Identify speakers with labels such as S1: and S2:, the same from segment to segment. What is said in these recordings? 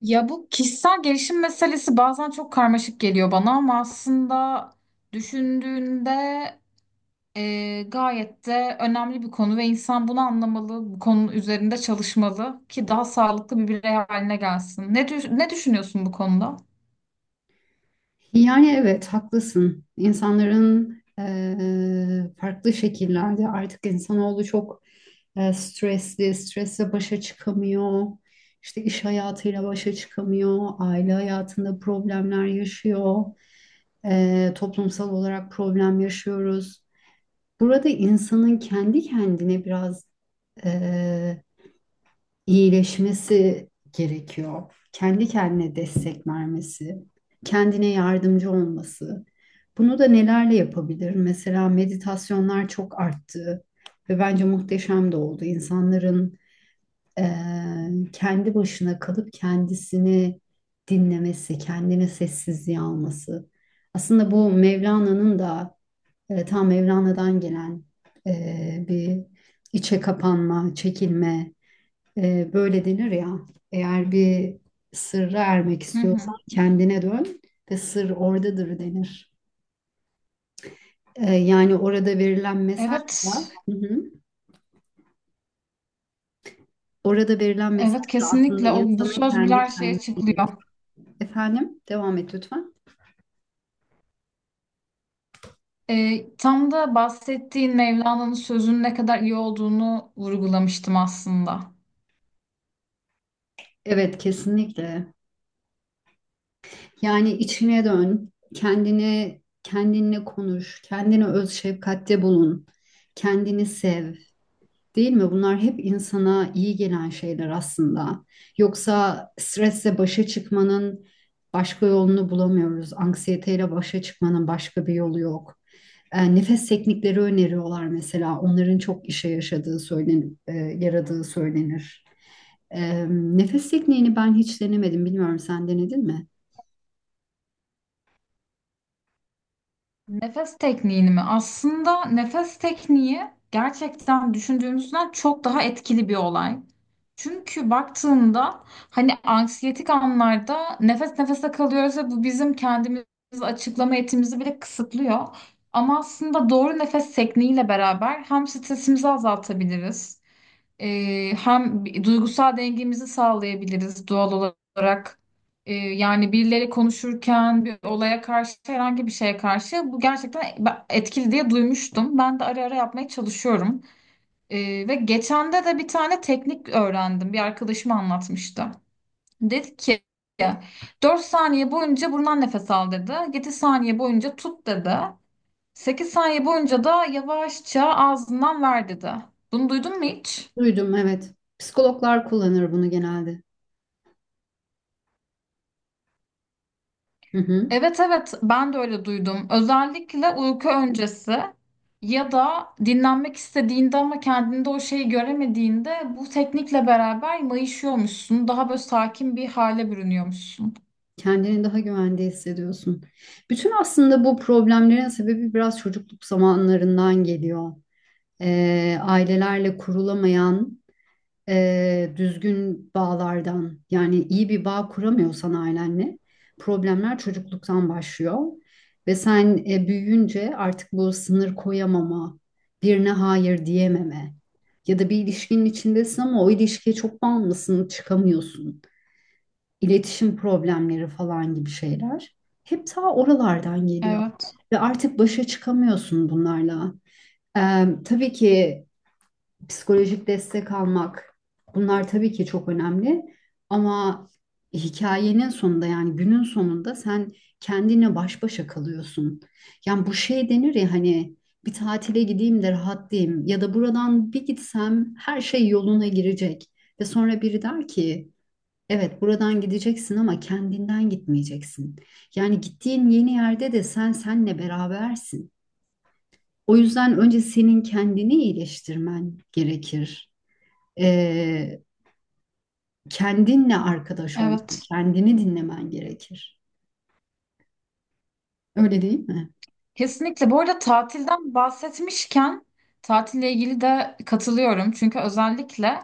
S1: Ya bu kişisel gelişim meselesi bazen çok karmaşık geliyor bana ama aslında düşündüğünde gayet de önemli bir konu ve insan bunu anlamalı, bu konu üzerinde çalışmalı ki daha sağlıklı bir birey haline gelsin. Ne düşünüyorsun bu konuda?
S2: Yani evet haklısın. İnsanların farklı şekillerde artık insanoğlu çok stresli, stresle başa çıkamıyor. İşte iş hayatıyla başa çıkamıyor. Aile hayatında problemler yaşıyor. Toplumsal olarak problem yaşıyoruz. Burada insanın kendi kendine biraz iyileşmesi gerekiyor. Kendi kendine destek vermesi, kendine yardımcı olması. Bunu da nelerle yapabilir? Mesela meditasyonlar çok arttı ve bence muhteşem de oldu. İnsanların kendi başına kalıp kendisini dinlemesi, kendine sessizliğe alması. Aslında bu Mevlana'nın da tam Mevlana'dan gelen bir içe kapanma, çekilme, böyle denir ya, eğer bir sırra ermek
S1: Hı hı.
S2: istiyorsan kendine dön ve sır oradadır denir. Yani orada verilen mesajla,
S1: Evet,
S2: hı hı, orada verilen
S1: evet,
S2: mesajla aslında
S1: kesinlikle o bu
S2: insanın
S1: söz bile
S2: kendi
S1: her
S2: kendine
S1: şeye çıkılıyor.
S2: efendim, devam et lütfen.
S1: Tam da bahsettiğin Mevlana'nın sözünün ne kadar iyi olduğunu vurgulamıştım aslında.
S2: Evet, kesinlikle. Yani içine dön, kendine kendinle konuş, kendine öz şefkatte bulun, kendini sev. Değil mi? Bunlar hep insana iyi gelen şeyler aslında. Yoksa stresle başa çıkmanın başka yolunu bulamıyoruz. Anksiyeteyle başa çıkmanın başka bir yolu yok. Nefes teknikleri öneriyorlar mesela. Onların çok işe yaradığı söylenir. Nefes tekniğini ben hiç denemedim. Bilmiyorum sen denedin mi?
S1: Nefes tekniğini mi? Aslında nefes tekniği gerçekten düşündüğümüzden çok daha etkili bir olay. Çünkü baktığında hani anksiyetik anlarda nefes nefese kalıyoruz ve bu bizim kendimizi açıklama yetimizi bile kısıtlıyor. Ama aslında doğru nefes tekniğiyle beraber hem stresimizi azaltabiliriz. Hem duygusal dengemizi sağlayabiliriz doğal olarak. Yani birileri konuşurken bir olaya karşı herhangi bir şeye karşı bu gerçekten etkili diye duymuştum. Ben de ara ara yapmaya çalışıyorum. Ve geçen de bir tane teknik öğrendim. Bir arkadaşım anlatmıştı. Dedi ki 4 saniye boyunca burundan nefes al dedi. 7 saniye boyunca tut dedi. 8 saniye boyunca da yavaşça ağzından ver dedi. Bunu duydun mu hiç?
S2: Duydum evet. Psikologlar kullanır bunu genelde. Hı hı.
S1: Evet, evet, ben de öyle duydum. Özellikle uyku öncesi ya da dinlenmek istediğinde ama kendinde o şeyi göremediğinde bu teknikle beraber mayışıyormuşsun. Daha böyle sakin bir hale bürünüyormuşsun.
S2: Kendini daha güvende hissediyorsun. Bütün aslında bu problemlerin sebebi biraz çocukluk zamanlarından geliyor. Ailelerle kurulamayan düzgün bağlardan yani iyi bir bağ kuramıyorsan ailenle problemler çocukluktan başlıyor. Ve sen büyüyünce artık bu sınır koyamama, birine hayır diyememe ya da bir ilişkinin içindesin ama o ilişkiye çok bağımlısın, çıkamıyorsun iletişim problemleri falan gibi şeyler hep ta oralardan geliyor.
S1: Evet,
S2: Ve artık başa çıkamıyorsun bunlarla. Tabii ki psikolojik destek almak bunlar tabii ki çok önemli. Ama hikayenin sonunda yani günün sonunda sen kendine baş başa kalıyorsun. Yani bu şey denir ya hani bir tatile gideyim de rahatlayayım ya da buradan bir gitsem her şey yoluna girecek. Ve sonra biri der ki evet, buradan gideceksin ama kendinden gitmeyeceksin. Yani gittiğin yeni yerde de sen senle berabersin. O yüzden önce senin kendini iyileştirmen gerekir. Ee, Kendinle arkadaş olman,
S1: evet.
S2: kendini dinlemen gerekir. Öyle değil mi?
S1: Kesinlikle. Bu arada tatilden bahsetmişken tatille ilgili de katılıyorum. Çünkü özellikle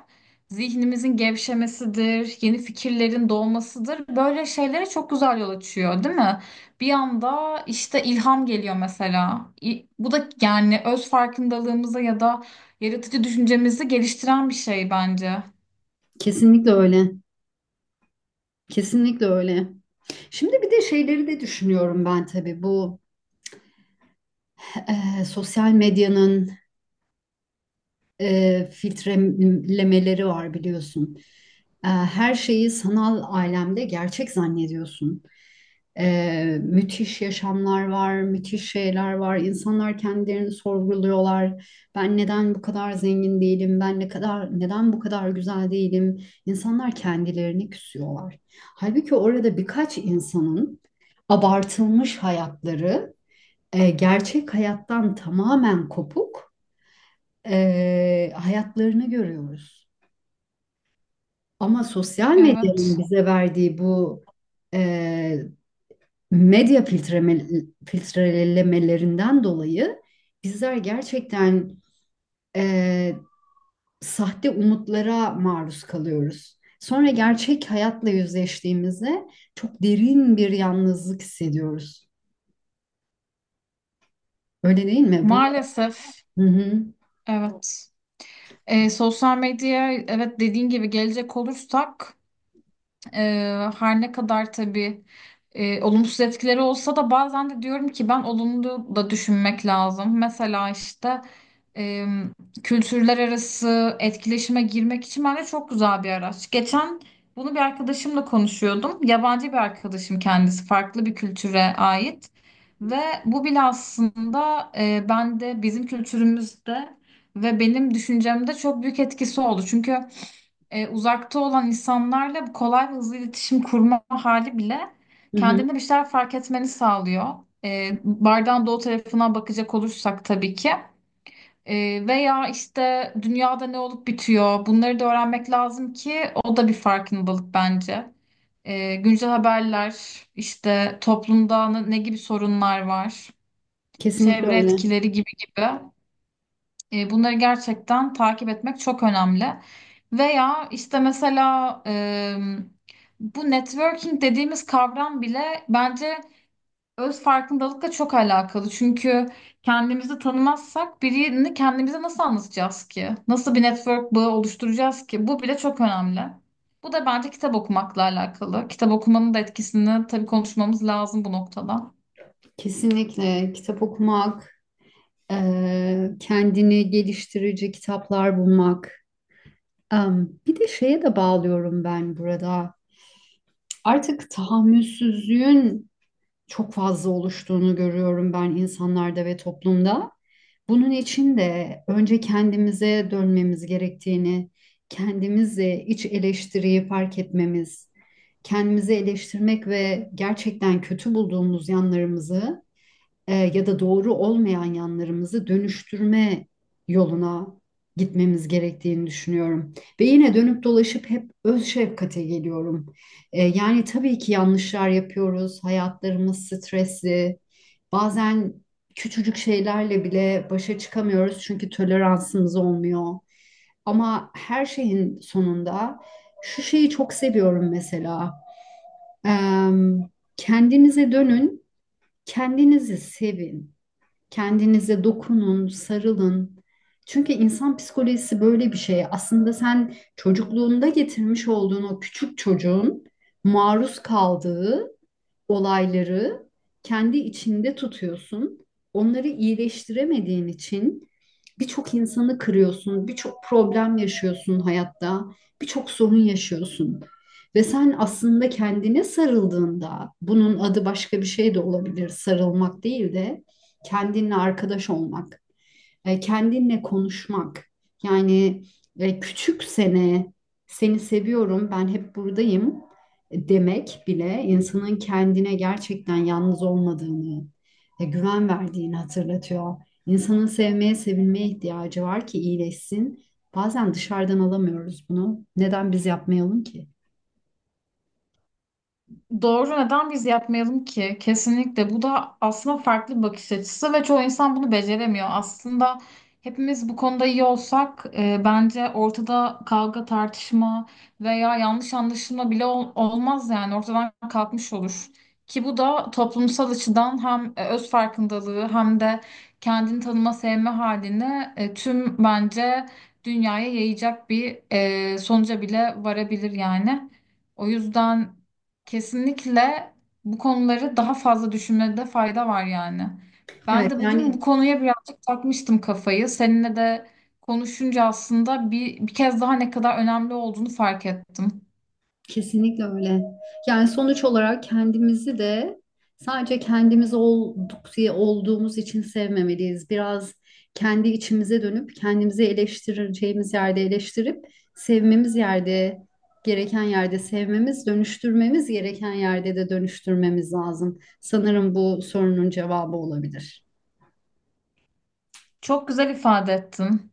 S1: zihnimizin gevşemesidir, yeni fikirlerin doğmasıdır. Böyle şeylere çok güzel yol açıyor, değil mi? Bir anda işte ilham geliyor mesela. Bu da yani öz farkındalığımıza ya da yaratıcı düşüncemizi geliştiren bir şey bence.
S2: Kesinlikle öyle. Kesinlikle öyle. Şimdi bir de şeyleri de düşünüyorum ben tabii bu sosyal medyanın filtrelemeleri var biliyorsun. Her şeyi sanal alemde gerçek zannediyorsun. Müthiş yaşamlar var, müthiş şeyler var. İnsanlar kendilerini sorguluyorlar. Ben neden bu kadar zengin değilim? Ben ne kadar neden bu kadar güzel değilim? İnsanlar kendilerini küsüyorlar. Halbuki orada birkaç insanın abartılmış hayatları gerçek hayattan tamamen kopuk hayatlarını görüyoruz. Ama sosyal medyanın
S1: Evet.
S2: bize verdiği bu e, medya filtreme, filtrelemelerinden dolayı bizler gerçekten e, sahte umutlara maruz kalıyoruz. Sonra gerçek hayatla yüzleştiğimizde çok derin bir yalnızlık hissediyoruz. Öyle değil mi? Bunu
S1: Maalesef.
S2: hı hı,
S1: Evet. Sosyal medyaya evet dediğin gibi gelecek olursak her ne kadar tabii olumsuz etkileri olsa da bazen de diyorum ki ben olumlu da düşünmek lazım. Mesela işte e, kültürler arası etkileşime girmek için bence çok güzel bir araç. Geçen bunu bir arkadaşımla konuşuyordum. Yabancı bir arkadaşım kendisi, farklı bir kültüre ait. Ve bu bile aslında bende bizim kültürümüzde ve benim düşüncemde çok büyük etkisi oldu. Çünkü uzakta olan insanlarla kolay ve hızlı iletişim kurma hali bile
S2: hı hı.
S1: kendinde bir şeyler fark etmeni sağlıyor. Bardağın doğu tarafına bakacak olursak tabii ki. Veya işte dünyada ne olup bitiyor bunları da öğrenmek lazım ki o da bir farkındalık bence. Güncel haberler, işte toplumda ne gibi sorunlar var,
S2: Kesinlikle
S1: çevre
S2: öyle.
S1: etkileri gibi gibi. Bunları gerçekten takip etmek çok önemli. Veya işte mesela bu networking dediğimiz kavram bile bence öz farkındalıkla çok alakalı. Çünkü kendimizi tanımazsak birini kendimize nasıl anlatacağız ki? Nasıl bir network bağı oluşturacağız ki? Bu bile çok önemli. Bu da bence kitap okumakla alakalı. Kitap okumanın da etkisini tabii konuşmamız lazım bu noktada.
S2: Kesinlikle kitap okumak. Kendini geliştirici kitaplar bulmak. Bir de şeye de bağlıyorum ben burada. Artık tahammülsüzlüğün çok fazla oluştuğunu görüyorum ben insanlarda ve toplumda. Bunun için de önce kendimize dönmemiz gerektiğini, kendimizle iç eleştiriyi fark etmemiz, kendimizi eleştirmek ve gerçekten kötü bulduğumuz yanlarımızı ya da doğru olmayan yanlarımızı dönüştürme yoluna gitmemiz gerektiğini düşünüyorum. Ve yine dönüp dolaşıp hep öz şefkate geliyorum. Yani tabii ki yanlışlar yapıyoruz, hayatlarımız stresli, bazen küçücük şeylerle bile başa çıkamıyoruz çünkü toleransımız olmuyor. Ama her şeyin sonunda şu şeyi çok seviyorum mesela. Em, Kendinize dönün, kendinizi sevin. Kendinize dokunun, sarılın. Çünkü insan psikolojisi böyle bir şey. Aslında sen çocukluğunda getirmiş olduğun o küçük çocuğun maruz kaldığı olayları kendi içinde tutuyorsun. Onları iyileştiremediğin için birçok insanı kırıyorsun, birçok problem yaşıyorsun hayatta, birçok sorun yaşıyorsun. Ve sen aslında kendine sarıldığında, bunun adı başka bir şey de olabilir, sarılmak değil de kendinle arkadaş olmak kendinle konuşmak. Yani küçük sene seni seviyorum, ben hep buradayım demek bile insanın kendine gerçekten yalnız olmadığını, güven verdiğini hatırlatıyor. İnsanın sevmeye, sevilmeye ihtiyacı var ki iyileşsin. Bazen dışarıdan alamıyoruz bunu. Neden biz yapmayalım ki?
S1: Doğru, neden biz yapmayalım ki? Kesinlikle bu da aslında farklı bir bakış açısı ve çoğu insan bunu beceremiyor. Aslında hepimiz bu konuda iyi olsak bence ortada kavga, tartışma veya yanlış anlaşılma bile olmaz yani ortadan kalkmış olur. Ki bu da toplumsal açıdan hem öz farkındalığı hem de kendini tanıma sevme halini tüm bence dünyaya yayacak bir sonuca bile varabilir yani. O yüzden kesinlikle bu konuları daha fazla düşünmede fayda var yani. Ben
S2: Evet,
S1: de bugün
S2: yani
S1: bu konuya birazcık takmıştım kafayı. Seninle de konuşunca aslında bir kez daha ne kadar önemli olduğunu fark ettim.
S2: kesinlikle öyle. Yani sonuç olarak kendimizi de sadece kendimiz olduk diye olduğumuz için sevmemeliyiz. Biraz kendi içimize dönüp kendimizi eleştireceğimiz yerde eleştirip sevmemiz yerde gereken yerde sevmemiz, dönüştürmemiz gereken yerde de dönüştürmemiz lazım. Sanırım bu sorunun cevabı olabilir.
S1: Çok güzel ifade ettin.